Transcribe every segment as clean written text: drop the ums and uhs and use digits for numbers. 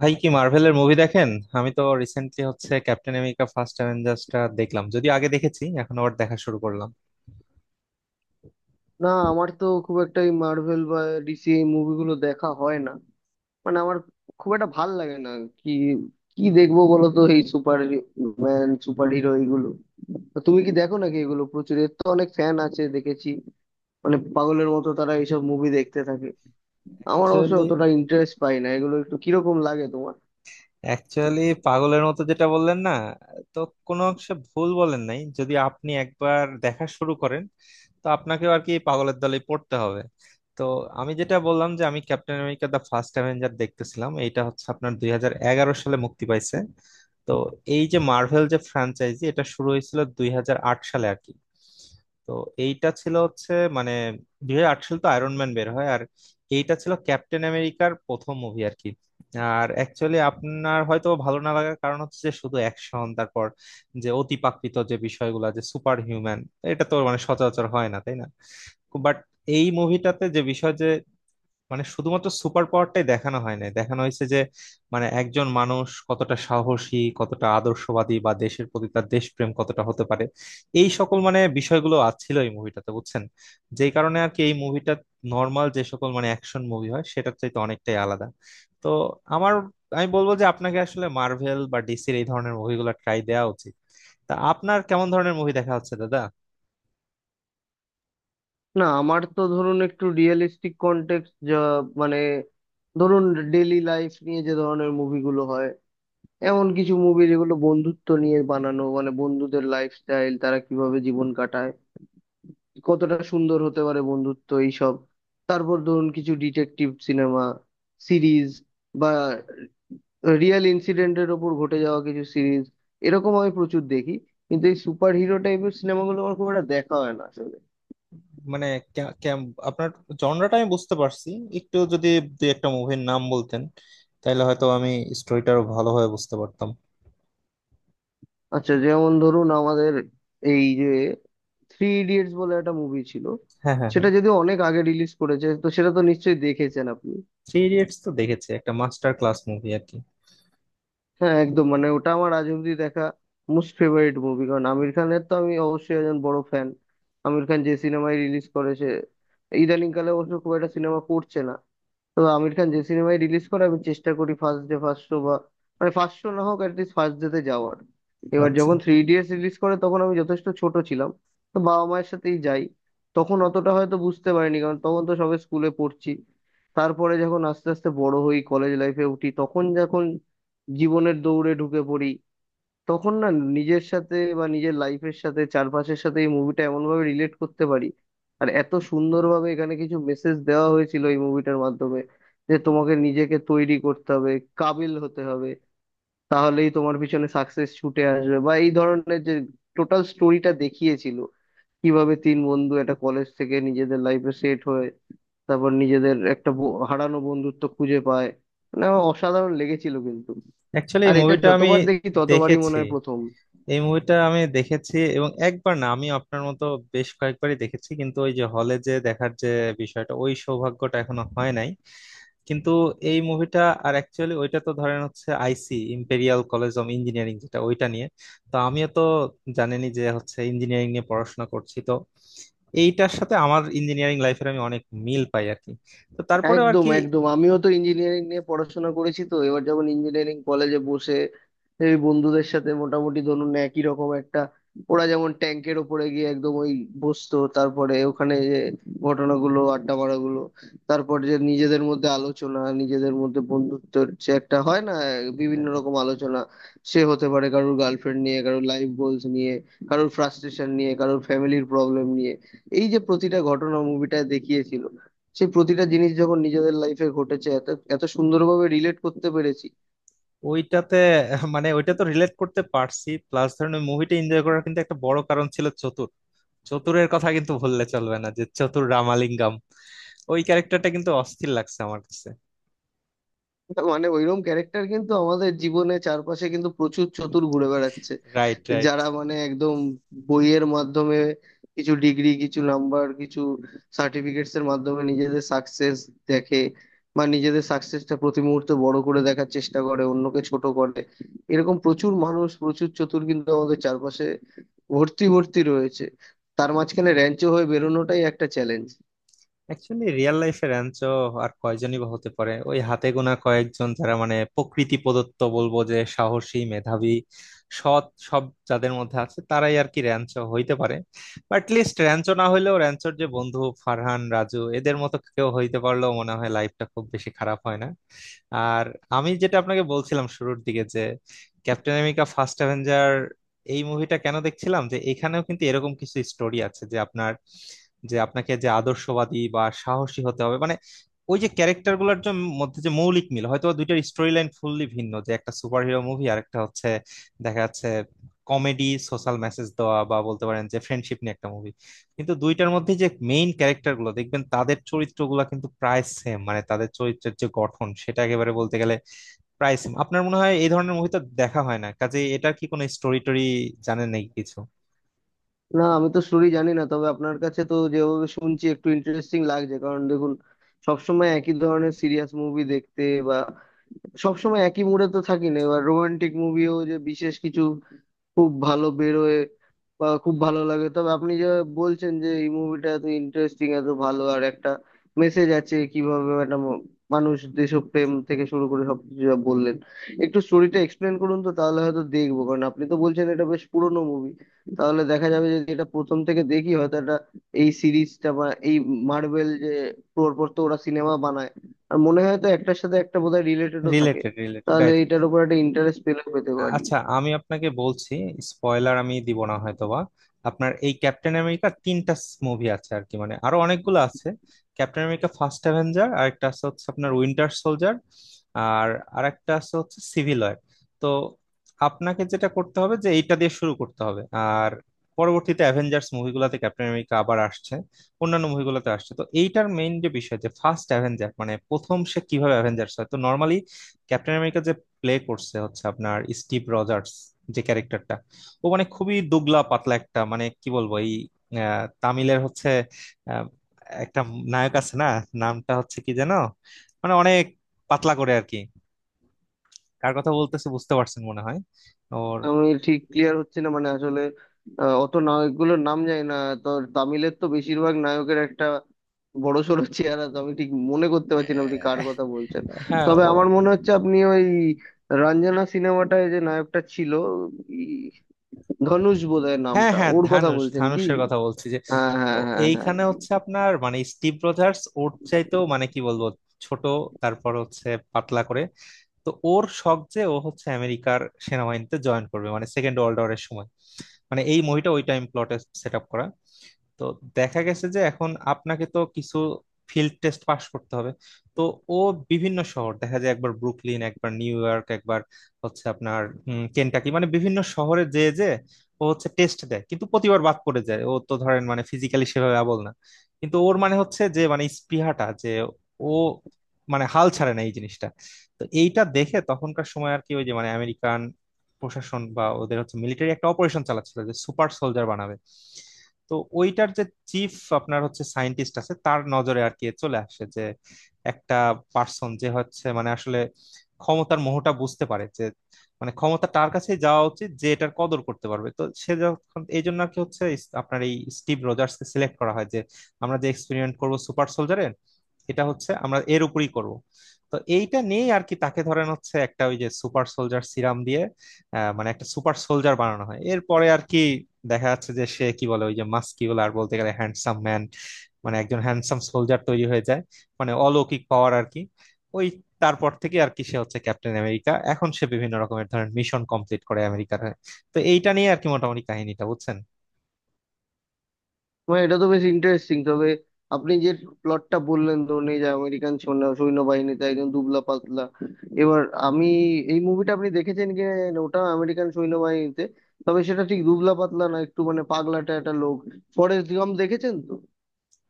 ভাই, কি মার্ভেলের মুভি দেখেন? আমি তো রিসেন্টলি হচ্ছে ক্যাপ্টেন আমেরিকা ফার্স্ট অ্যাভেঞ্জার্সটা দেখলাম, যদিও আগে দেখেছি, এখন আবার দেখা শুরু করলাম। না আমার তো খুব একটা এই মার্ভেল বা ডিসি এই মুভিগুলো দেখা হয় না। মানে আমার খুব একটা ভাল লাগে না। কি কি দেখবো বলো তো, এই সুপার ম্যান, সুপার হিরো এইগুলো? তো তুমি কি দেখো নাকি এগুলো? প্রচুর, এর তো অনেক ফ্যান আছে দেখেছি, মানে পাগলের মতো তারা এইসব মুভি দেখতে থাকে। আমার অবশ্য অ্যাকচুয়ালি অতটা ইন্টারেস্ট পাই না এগুলো, একটু কিরকম লাগে তোমার? অ্যাকচুয়ালি পাগলের মতো যেটা বললেন না, তো কোনো অংশে ভুল বলেন নাই। যদি আপনি একবার দেখা শুরু করেন, তো আপনাকেও আর কি পাগলের দলে পড়তে হবে। তো আমি যেটা বললাম, যে আমি captain America the first avenger দেখতেছিলাম, এইটা হচ্ছে আপনার 2011 সালে মুক্তি পাইছে। তো এই যে মার্ভেল যে ফ্র্যাঞ্চাইজি, এটা শুরু হয়েছিল 2008 সালে আর কি। তো এইটা ছিল হচ্ছে, মানে 2008 সালে তো আয়রন ম্যান বের হয়, আর এইটা ছিল ক্যাপ্টেন আমেরিকার প্রথম মুভি আর কি। আর অ্যাকচুয়ালি আপনার হয়তো ভালো না লাগার কারণ হচ্ছে, যে শুধু অ্যাকশন, তারপর যে অতিপ্রাকৃত যে বিষয়গুলো, যে সুপার হিউম্যান, এটা তো মানে সচরাচর হয় না, তাই না? বাট এই মুভিটাতে যে বিষয়, যে মানে শুধুমাত্র সুপার পাওয়ারটাই দেখানো হয় না, দেখানো হয়েছে যে মানে একজন মানুষ কতটা সাহসী, কতটা আদর্শবাদী, বা দেশের প্রতি তার দেশপ্রেম কতটা হতে পারে। এই সকল মানে বিষয়গুলো আছিল এই মুভিটাতে, বুঝছেন? যেই কারণে আর কি এই মুভিটা নর্মাল যে সকল মানে অ্যাকশন মুভি হয় সেটার চাইতে অনেকটাই আলাদা। তো আমার, আমি বলবো যে আপনাকে আসলে মার্ভেল বা ডিসির এই ধরনের মুভিগুলো ট্রাই দেওয়া উচিত। তা আপনার কেমন ধরনের মুভি দেখা হচ্ছে দাদা? না আমার তো ধরুন একটু রিয়েলিস্টিক কন্টেক্সট যা, মানে ধরুন ডেইলি লাইফ নিয়ে যে ধরনের মুভিগুলো হয়, এমন কিছু মুভি যেগুলো বন্ধুত্ব নিয়ে বানানো, মানে বন্ধুদের লাইফস্টাইল, তারা কিভাবে জীবন কাটায়, কতটা সুন্দর হতে পারে বন্ধুত্ব, এইসব। তারপর ধরুন কিছু ডিটেকটিভ সিনেমা, সিরিজ, বা রিয়েল ইনসিডেন্টের ওপর ঘটে যাওয়া কিছু সিরিজ, এরকম আমি প্রচুর দেখি। কিন্তু এই সুপার হিরো টাইপের সিনেমাগুলো আমার খুব একটা দেখা হয় না আসলে। মানে আপনার জনরাটা আমি বুঝতে পারছি। একটু যদি দুই একটা মুভির নাম বলতেন, তাহলে হয়তো আমি স্টোরিটা আরো ভালোভাবে বুঝতে পারতাম। আচ্ছা যেমন ধরুন আমাদের এই যে থ্রি ইডিয়টস বলে একটা মুভি ছিল, হ্যাঁ, হ্যাঁ, হ্যাঁ। সেটা যদি অনেক আগে রিলিজ করেছে তো সেটা তো নিশ্চয়ই দেখেছেন আপনি। থ্রি ইডিয়টস তো দেখেছি, একটা মাস্টার ক্লাস মুভি আর কি। হ্যাঁ একদম, মানে ওটা আমার আজ অব্দি দেখা মোস্ট ফেভারিট মুভি, কারণ আমির খানের তো আমি অবশ্যই একজন বড় ফ্যান। আমির খান যে সিনেমায় রিলিজ করেছে, ইদানিং কালে অবশ্য খুব একটা সিনেমা করছে না, তো আমির খান যে সিনেমায় রিলিজ করে আমি চেষ্টা করি ফার্স্ট ডে ফার্স্ট শো, বা মানে ফার্স্ট শো না হোক অ্যাটলিস্ট ফার্স্ট ডে তে যাওয়ার। এবার আচ্ছা। যখন থ্রি ইডিয়টস রিলিজ করে তখন আমি যথেষ্ট ছোট ছিলাম, তো বাবা মায়ের সাথেই যাই। তখন অতটা হয়তো বুঝতে পারিনি, কারণ তখন তো সবে স্কুলে পড়ছি। তারপরে যখন আস্তে আস্তে বড় হই, কলেজ লাইফে উঠি, তখন যখন জীবনের দৌড়ে ঢুকে পড়ি, তখন না নিজের সাথে বা নিজের লাইফের সাথে চারপাশের সাথে এই মুভিটা এমনভাবে রিলেট করতে পারি। আর এত সুন্দরভাবে এখানে কিছু মেসেজ দেওয়া হয়েছিল এই মুভিটার মাধ্যমে, যে তোমাকে নিজেকে তৈরি করতে হবে, কাবিল হতে হবে, তাহলেই তোমার পিছনে সাকসেস ছুটে আসবে, বা এই ধরনের যে টোটাল স্টোরিটা দেখিয়েছিল, কিভাবে তিন বন্ধু একটা কলেজ থেকে নিজেদের লাইফে সেট হয়ে তারপর নিজেদের একটা হারানো বন্ধুত্ব খুঁজে পায়। মানে আমার অসাধারণ লেগেছিল কিন্তু, অ্যাকচুয়ালি এই আর এটা মুভিটা আমি যতবার দেখি ততবারই মনে দেখেছি। হয় প্রথম। এই মুভিটা আমি দেখেছি, এবং একবার না, আমি আপনার মতো বেশ কয়েকবারই দেখেছি, কিন্তু ওই যে হলে যে দেখার যে বিষয়টা, ওই সৌভাগ্যটা এখনো হয় নাই। কিন্তু এই মুভিটা, আর অ্যাকচুয়ালি ওইটা তো ধরেন হচ্ছে IC imperial college of engineering, যেটা ওইটা নিয়ে। তো আমিও তো জানেনই যে হচ্ছে ইঞ্জিনিয়ারিং নিয়ে পড়াশোনা করছি, তো এইটার সাথে আমার ইঞ্জিনিয়ারিং লাইফের আমি অনেক মিল পাই আর কি। তো তারপরেও আর একদম কি। একদম, আমিও তো ইঞ্জিনিয়ারিং নিয়ে পড়াশোনা করেছি, তো এবার যখন ইঞ্জিনিয়ারিং কলেজে বসে এই বন্ধুদের সাথে মোটামুটি ধরুন একই রকম একটা, ওরা যেমন ট্যাঙ্কের ওপরে গিয়ে একদম ওই বসতো, তারপরে ওখানে যে ঘটনাগুলো, আড্ডা মারাগুলো, তারপর যে নিজেদের মধ্যে আলোচনা, নিজেদের মধ্যে বন্ধুত্বের যে একটা হয় না হ্যাঁ, বিভিন্ন হ্যাঁ। রকম আলোচনা, সে হতে পারে কারোর গার্লফ্রেন্ড নিয়ে, কারোর লাইফ গোলস নিয়ে, কারোর ফ্রাস্ট্রেশন নিয়ে, কারোর ফ্যামিলির প্রবলেম নিয়ে। এই যে প্রতিটা ঘটনা মুভিটায় দেখিয়েছিল, সেই প্রতিটা জিনিস যখন নিজেদের লাইফে ঘটেছে, এত এত সুন্দরভাবে রিলেট করতে পেরেছি। ওইটাতে মানে ওইটা তো রিলেট করতে পারছি, প্লাস ধরেন ওই মুভিটা এনজয় করার কিন্তু একটা বড় কারণ ছিল চতুর। চতুরের কথা কিন্তু ভুললে চলবে না, যে চতুর রামালিঙ্গম, ওই ক্যারেক্টারটা কিন্তু অস্থির লাগছে আমার কাছে। মানে ওইরকম ক্যারেক্টার কিন্তু আমাদের জীবনে, চারপাশে কিন্তু প্রচুর চতুর ঘুরে বেড়াচ্ছে, রাইট, রাইট। যারা মানে একদম বইয়ের মাধ্যমে, কিছু ডিগ্রি, কিছু নাম্বার, কিছু সার্টিফিকেটস এর মাধ্যমে নিজেদের সাকসেস দেখে, বা নিজেদের সাকসেসটা প্রতি মুহূর্তে বড় করে দেখার চেষ্টা করে অন্যকে ছোট করে। এরকম প্রচুর মানুষ, প্রচুর চতুর কিন্তু আমাদের চারপাশে ভর্তি ভর্তি রয়েছে। তার মাঝখানে র্যাঞ্চো হয়ে বেরোনোটাই একটা চ্যালেঞ্জ। অ্যাকচুয়ালি রিয়েল লাইফের র্যাঞ্চো আর কয়জনই বা হতে পারে? ওই হাতে গোনা কয়েকজন, যারা মানে প্রকৃতি প্রদত্ত বলবো, যে সাহসী, মেধাবী, সৎ সব যাদের মধ্যে আছে, তারাই আর কি র্যাঞ্চো হইতে পারে। বাট লিস্ট র্যাঞ্চো না হইলেও র্যাঞ্চোর যে বন্ধু ফারহান, রাজু, এদের মতো কেউ হইতে পারলেও মনে হয় লাইফটা খুব বেশি খারাপ হয় না। আর আমি যেটা আপনাকে বলছিলাম শুরুর দিকে, যে ক্যাপ্টেন আমেরিকা ফার্স্ট অ্যাভেঞ্জার, এই মুভিটা কেন দেখছিলাম, যে এখানেও কিন্তু এরকম কিছু স্টোরি আছে, যে আপনার, যে আপনাকে যে আদর্শবাদী বা সাহসী হতে হবে, মানে ওই যে ক্যারেক্টার গুলোর মধ্যে যে মৌলিক মিল, হয়তো দুইটার স্টোরি লাইন ফুললি ভিন্ন, যে একটা সুপার হিরো মুভি, আর একটা হচ্ছে দেখা যাচ্ছে কমেডি, সোশ্যাল মেসেজ দেওয়া, বা বলতে পারেন যে ফ্রেন্ডশিপ নিয়ে একটা মুভি। কিন্তু দুইটার মধ্যে যে মেইন ক্যারেক্টার গুলো দেখবেন, তাদের চরিত্রগুলো কিন্তু প্রায় সেম, মানে তাদের চরিত্রের যে গঠন সেটা একেবারে বলতে গেলে প্রায় সেম। আপনার মনে হয় এই ধরনের মুভি তো দেখা হয় না, কাজে এটার কি কোনো স্টোরি টোরি জানেন নাকি কিছু? না আমি তো স্টোরি জানি না, তবে আপনার কাছে তো যেভাবে শুনছি একটু ইন্টারেস্টিং লাগছে। কারণ দেখুন, সবসময় একই ধরনের সিরিয়াস মুভি দেখতে বা সবসময় একই মুডে তো থাকি না। এবার রোমান্টিক মুভিও যে বিশেষ কিছু খুব ভালো বেরোয় বা খুব ভালো লাগে, তবে আপনি যে বলছেন যে এই মুভিটা এত ইন্টারেস্টিং, এত ভালো, আর একটা মেসেজ আছে, কিভাবে একটা মানুষ দেশপ্রেম থেকে শুরু করে সবকিছু যা বললেন, একটু স্টোরিটা এক্সপ্লেন করুন তো, তাহলে হয়তো দেখবো। কারণ আপনি তো বলছেন এটা বেশ পুরোনো মুভি, তাহলে দেখা যাবে যে এটা প্রথম থেকে দেখি। হয়তো এটা, এই সিরিজটা বা এই মার্বেল যে পরপর তো ওরা সিনেমা বানায়, আর মনে হয় তো একটার সাথে একটা বোধহয় রিলেটেডও থাকে, রিলেটেড, তাহলে রিলেটেড। এটার উপর একটা ইন্টারেস্ট পেলে পেতে পারি। আচ্ছা, আমি আপনাকে বলছি, স্পয়লার আমি দিব না হয়তোবা। আপনার এই ক্যাপ্টেন আমেরিকা তিনটা মুভি আছে আর কি, মানে আরো অনেকগুলো আছে। ক্যাপ্টেন আমেরিকা ফার্স্ট অ্যাভেঞ্জার, আর একটা আছে হচ্ছে আপনার উইন্টার সোলজার, আর আর একটা আছে হচ্ছে সিভিল ওয়ার। তো আপনাকে যেটা করতে হবে, যে এইটা দিয়ে শুরু করতে হবে। আর পরবর্তীতে অ্যাভেঞ্জার্স মুভিগুলোতে ক্যাপ্টেন আমেরিকা আবার আসছে, অন্যান্য মুভিগুলোতে আসছে। তো এইটার মেইন যে বিষয়, যে ফার্স্ট অ্যাভেঞ্জার মানে প্রথম সে কিভাবে অ্যাভেঞ্জার্স হয়। তো নর্মালি ক্যাপ্টেন আমেরিকা প্লে করছে হচ্ছে আপনার স্টিভ রজার্স, যে ক্যারেক্টারটা, ও মানে খুবই দুবলা পাতলা একটা, মানে কি বলবো, এই তামিলের হচ্ছে আহ, একটা নায়ক আছে না, নামটা হচ্ছে কি যেন, মানে অনেক পাতলা করে আর কি। কার কথা বলতেছে বুঝতে পারছেন মনে হয়? ওর আমি ঠিক ক্লিয়ার হচ্ছে না, মানে আসলে অত নায়কগুলোর নাম জানি না, তো তামিলের তো বেশিরভাগ নায়কের একটা বড় সড়ো চেহারা, তো আমি ঠিক মনে করতে পারছি না আপনি কার আহ, কথা বলছেন। হ্যাঁ, তবে ও। আমার মনে হচ্ছে আপনি ওই রঞ্জনা সিনেমাটায় যে নায়কটা ছিল, ই- ধনুষ বোধহয় হ্যাঁ নামটা, হ্যাঁ, ওর কথা ধানুষ, বলছেন কি? ধানুষের কথা বলছি, যে হ্যাঁ হ্যাঁ ও, হ্যাঁ হ্যাঁ। এইখানে হচ্ছে আপনার মানে স্টিভ রজার্স ওর চাইতেও, মানে কি বলবো, ছোট, তারপর হচ্ছে পাতলা করে। তো ওর শখ যে ও হচ্ছে আমেরিকার সেনাবাহিনীতে জয়েন করবে, মানে সেকেন্ড ওয়ার্ল্ড ওয়ারের সময়, মানে এই মুভিটা ওই টাইম প্লটে সেট আপ করা। তো দেখা গেছে যে এখন আপনাকে তো কিছু ফিল্ড টেস্ট পাস করতে হবে। তো ও বিভিন্ন শহর দেখা যায়, একবার ব্রুকলিন, একবার নিউ ইয়র্ক, একবার হচ্ছে আপনার কেনটাকি, মানে বিভিন্ন শহরে যে যে ও হচ্ছে টেস্ট দেয়, কিন্তু প্রতিবার বাদ পড়ে যায়। ও তো ধরেন মানে ফিজিক্যালি সেভাবে আবল না, কিন্তু ওর মানে হচ্ছে যে মানে স্পৃহাটা, যে ও মানে হাল ছাড়ে না, এই জিনিসটা। তো এইটা দেখে তখনকার সময় আর কি ওই যে মানে আমেরিকান প্রশাসন বা ওদের হচ্ছে মিলিটারি একটা অপারেশন চালাচ্ছিল, যে সুপার সোলজার বানাবে। তো ওইটার যে চিফ, আপনার হচ্ছে সায়েন্টিস্ট আছে, তার নজরে আর কি চলে আসে যে একটা পার্সন, যে হচ্ছে মানে আসলে ক্ষমতার মোহটা বুঝতে পারে, যে মানে ক্ষমতা তার কাছে যাওয়া উচিত যে এটার কদর করতে পারবে। তো সে যখন এই জন্য আর কি হচ্ছে আপনার এই স্টিভ রজার্স কে সিলেক্ট করা হয়, যে আমরা যে এক্সপেরিমেন্ট করব সুপার সোলজারে, এটা হচ্ছে আমরা এর উপরই করব। তো এইটা নিয়েই আর কি তাকে ধরেন হচ্ছে একটা ওই যে সুপার সোলজার সিরাম দিয়ে, মানে একটা সুপার সোলজার বানানো হয়। এরপরে আর কি দেখা যাচ্ছে যে সে কি বলে ওই যে মাস্কিউলার, বলতে গেলে হ্যান্ডসাম ম্যান, মানে একজন হ্যান্ডসাম সোলজার তৈরি হয়ে যায়, মানে অলৌকিক পাওয়ার আর কি। ওই তারপর থেকে আর কি সে হচ্ছে ক্যাপ্টেন আমেরিকা, এখন সে বিভিন্ন রকমের ধরেন মিশন কমপ্লিট করে আমেরিকার হয়ে। তো এইটা নিয়ে আর কি মোটামুটি কাহিনীটা বুঝছেন। মানে এটা তো বেশ ইন্টারেস্টিং, তবে আপনি যে প্লটটা বললেন ধরুন এই যে আমেরিকান সৈন্যবাহিনীতে একজন দুবলা পাতলা, এবার আমি, এই মুভিটা আপনি দেখেছেন কি? ওটা আমেরিকান সৈন্যবাহিনীতে, তবে সেটা ঠিক দুবলা পাতলা না, একটু মানে পাগলাটে একটা লোক। ফরেস্ট গাম দেখেছেন?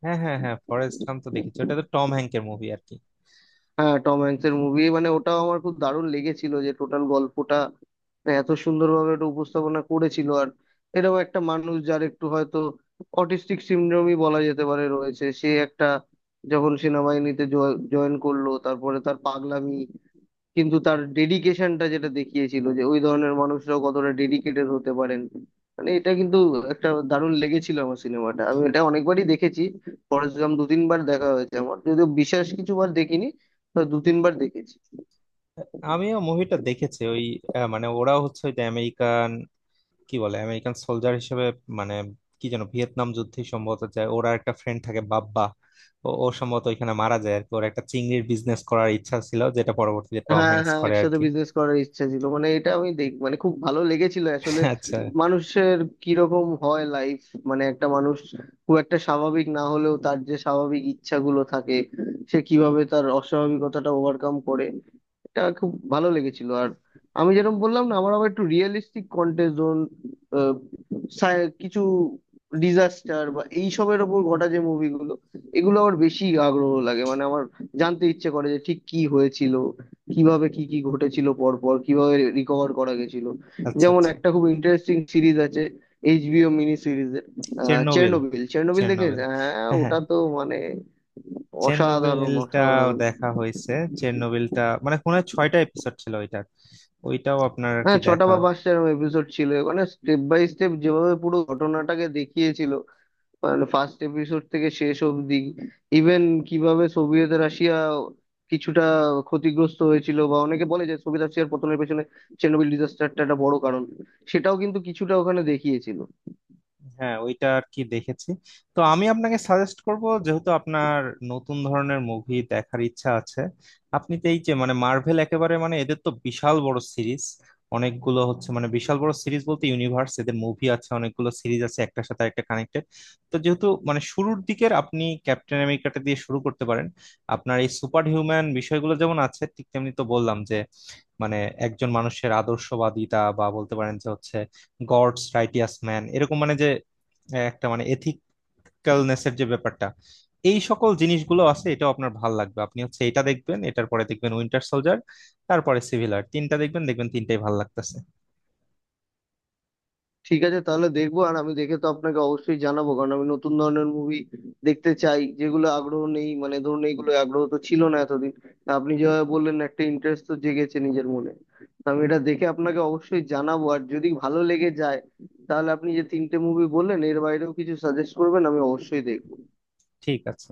হ্যাঁ, হ্যাঁ, হ্যাঁ, ফরেস্ট গাম্প তো দেখেছি, তো ওটা তো টম হ্যাঙ্কের মুভি আর কি। হ্যাঁ, টম হ্যাঙ্কস এর মুভি, মানে ওটাও আমার খুব দারুণ লেগেছিল, যে টোটাল গল্পটা মানে এত সুন্দরভাবে ওটা উপস্থাপনা করেছিল। আর এরকম একটা মানুষ যার একটু হয়তো অটিস্টিক সিনড্রোমই বলা যেতে পারে রয়েছে, সে একটা যখন সেনাবাহিনীতে জয়েন করলো, তারপরে তার পাগলামি কিন্তু তার ডেডিকেশনটা যেটা দেখিয়েছিল, যে ওই ধরনের মানুষরাও কতটা ডেডিকেটেড হতে পারেন, মানে এটা কিন্তু একটা দারুণ লেগেছিল আমার সিনেমাটা, আমি এটা অনেকবারই দেখেছি। ফরেস্ট গাম দু তিনবার দেখা হয়েছে আমার, যদিও বিশেষ কিছু বার দেখিনি, তো দু তিনবার দেখেছি। আমিও মুভিটা দেখেছি ওই, মানে ওরা হচ্ছে ওই যে আমেরিকান, কি বলে আমেরিকান সোলজার হিসেবে, মানে কি যেন ভিয়েতনাম যুদ্ধে সম্ভবত যায়। ওরা একটা ফ্রেন্ড থাকে, বাব্বা, ও ও সম্ভবত ওইখানে মারা যায় আর কি। ওর একটা চিংড়ির বিজনেস করার ইচ্ছা ছিল, যেটা পরবর্তীতে টম হ্যাঁ হ্যাঙ্কস হ্যাঁ, করে আর একসাথে কি। বিজনেস করার ইচ্ছা ছিল, মানে এটা আমি দেখ মানে খুব ভালো লেগেছিল আসলে। আচ্ছা, মানুষের কিরকম হয় লাইফ, মানে একটা মানুষ খুব একটা স্বাভাবিক না হলেও তার যে স্বাভাবিক ইচ্ছাগুলো থাকে, সে কিভাবে তার অস্বাভাবিকতাটা ওভারকাম করে, এটা খুব ভালো লেগেছিল। আর আমি যেরকম বললাম না, আমার আবার একটু রিয়েলিস্টিক কন্টেজন, কিছু ডিজাস্টার বা এইসবের ওপর ঘটা যে মুভিগুলো, এগুলো আমার বেশি আগ্রহ লাগে। মানে আমার জানতে ইচ্ছে করে যে ঠিক কি হয়েছিল, কিভাবে কি কি ঘটেছিল, পর পর কিভাবে রিকভার করা গেছিল। আচ্ছা, যেমন আচ্ছা। একটা খুব ইন্টারেস্টিং সিরিজ আছে, এইচবিও মিনি সিরিজের চেরনোবিল। চেরনোবিল। চেরনোবিল দেখে? চেরনোবিল। হ্যাঁ, হ্যাঁ, হ্যাঁ, ওটা তো মানে অসাধারণ চেরনোবিলটাও অসাধারণ। দেখা হয়েছে। চেরনোবিলটা মানে কোন ছয়টা এপিসোড ছিল ওইটার, ওইটাও আপনার আর কি হ্যাঁ ছটা দেখা। বা পাঁচটা এরকম এপিসোড ছিল, ওখানে স্টেপ বাই স্টেপ যেভাবে পুরো ঘটনাটাকে দেখিয়েছিল, মানে ফার্স্ট এপিসোড থেকে শেষ অবধি। ইভেন কিভাবে সোভিয়েত রাশিয়া কিছুটা ক্ষতিগ্রস্ত হয়েছিল, বা অনেকে বলে যে সোভিয়েত রাশিয়ার পতনের পেছনে চেরনোবিল ডিজাস্টারটা একটা বড় কারণ, সেটাও কিন্তু কিছুটা ওখানে দেখিয়েছিল। হ্যাঁ, ওইটা আর কি দেখেছি। তো আমি আপনাকে সাজেস্ট করব, যেহেতু আপনার নতুন ধরনের মুভি দেখার ইচ্ছা আছে, আপনি তো এই যে মানে মার্ভেল একেবারে মানে এদের তো বিশাল বড় সিরিজ, অনেকগুলো হচ্ছে। মানে বিশাল বড় সিরিজ বলতে, ইউনিভার্স, এদের মুভি আছে অনেকগুলো, সিরিজ আছে, একটার সাথে একটা কানেক্টেড। তো যেহেতু মানে শুরুর দিকের, আপনি ক্যাপ্টেন আমেরিকাটা দিয়ে শুরু করতে পারেন। আপনার এই সুপার হিউম্যান বিষয়গুলো যেমন আছে, ঠিক তেমনি তো বললাম যে, মানে একজন মানুষের আদর্শবাদিতা, বা বলতে পারেন যে হচ্ছে গডস রাইটিয়াস ম্যান এরকম, মানে যে একটা মানে এথিক্যালনেস এর যে ব্যাপারটা, এই সকল জিনিসগুলো আছে। এটাও আপনার ভাল লাগবে। আপনি হচ্ছে এটা দেখবেন, এটার পরে দেখবেন উইন্টার সোলজার, তারপরে সিভিল ওয়ার, তিনটা দেখবেন, দেখবেন তিনটাই ভাল লাগতেছে। ঠিক আছে তাহলে দেখবো, আর আমি দেখে তো আপনাকে অবশ্যই জানাবো, কারণ আমি নতুন ধরনের মুভি দেখতে চাই, যেগুলো আগ্রহ নেই মানে ধরুন, এইগুলো আগ্রহ তো ছিল না এতদিন। আপনি যেভাবে বললেন, একটা ইন্টারেস্ট তো জেগেছে নিজের মনে, তো আমি এটা দেখে আপনাকে অবশ্যই জানাবো। আর যদি ভালো লেগে যায় তাহলে আপনি যে তিনটে মুভি বললেন এর বাইরেও কিছু সাজেস্ট করবেন, আমি অবশ্যই দেখবো। ঠিক আছে।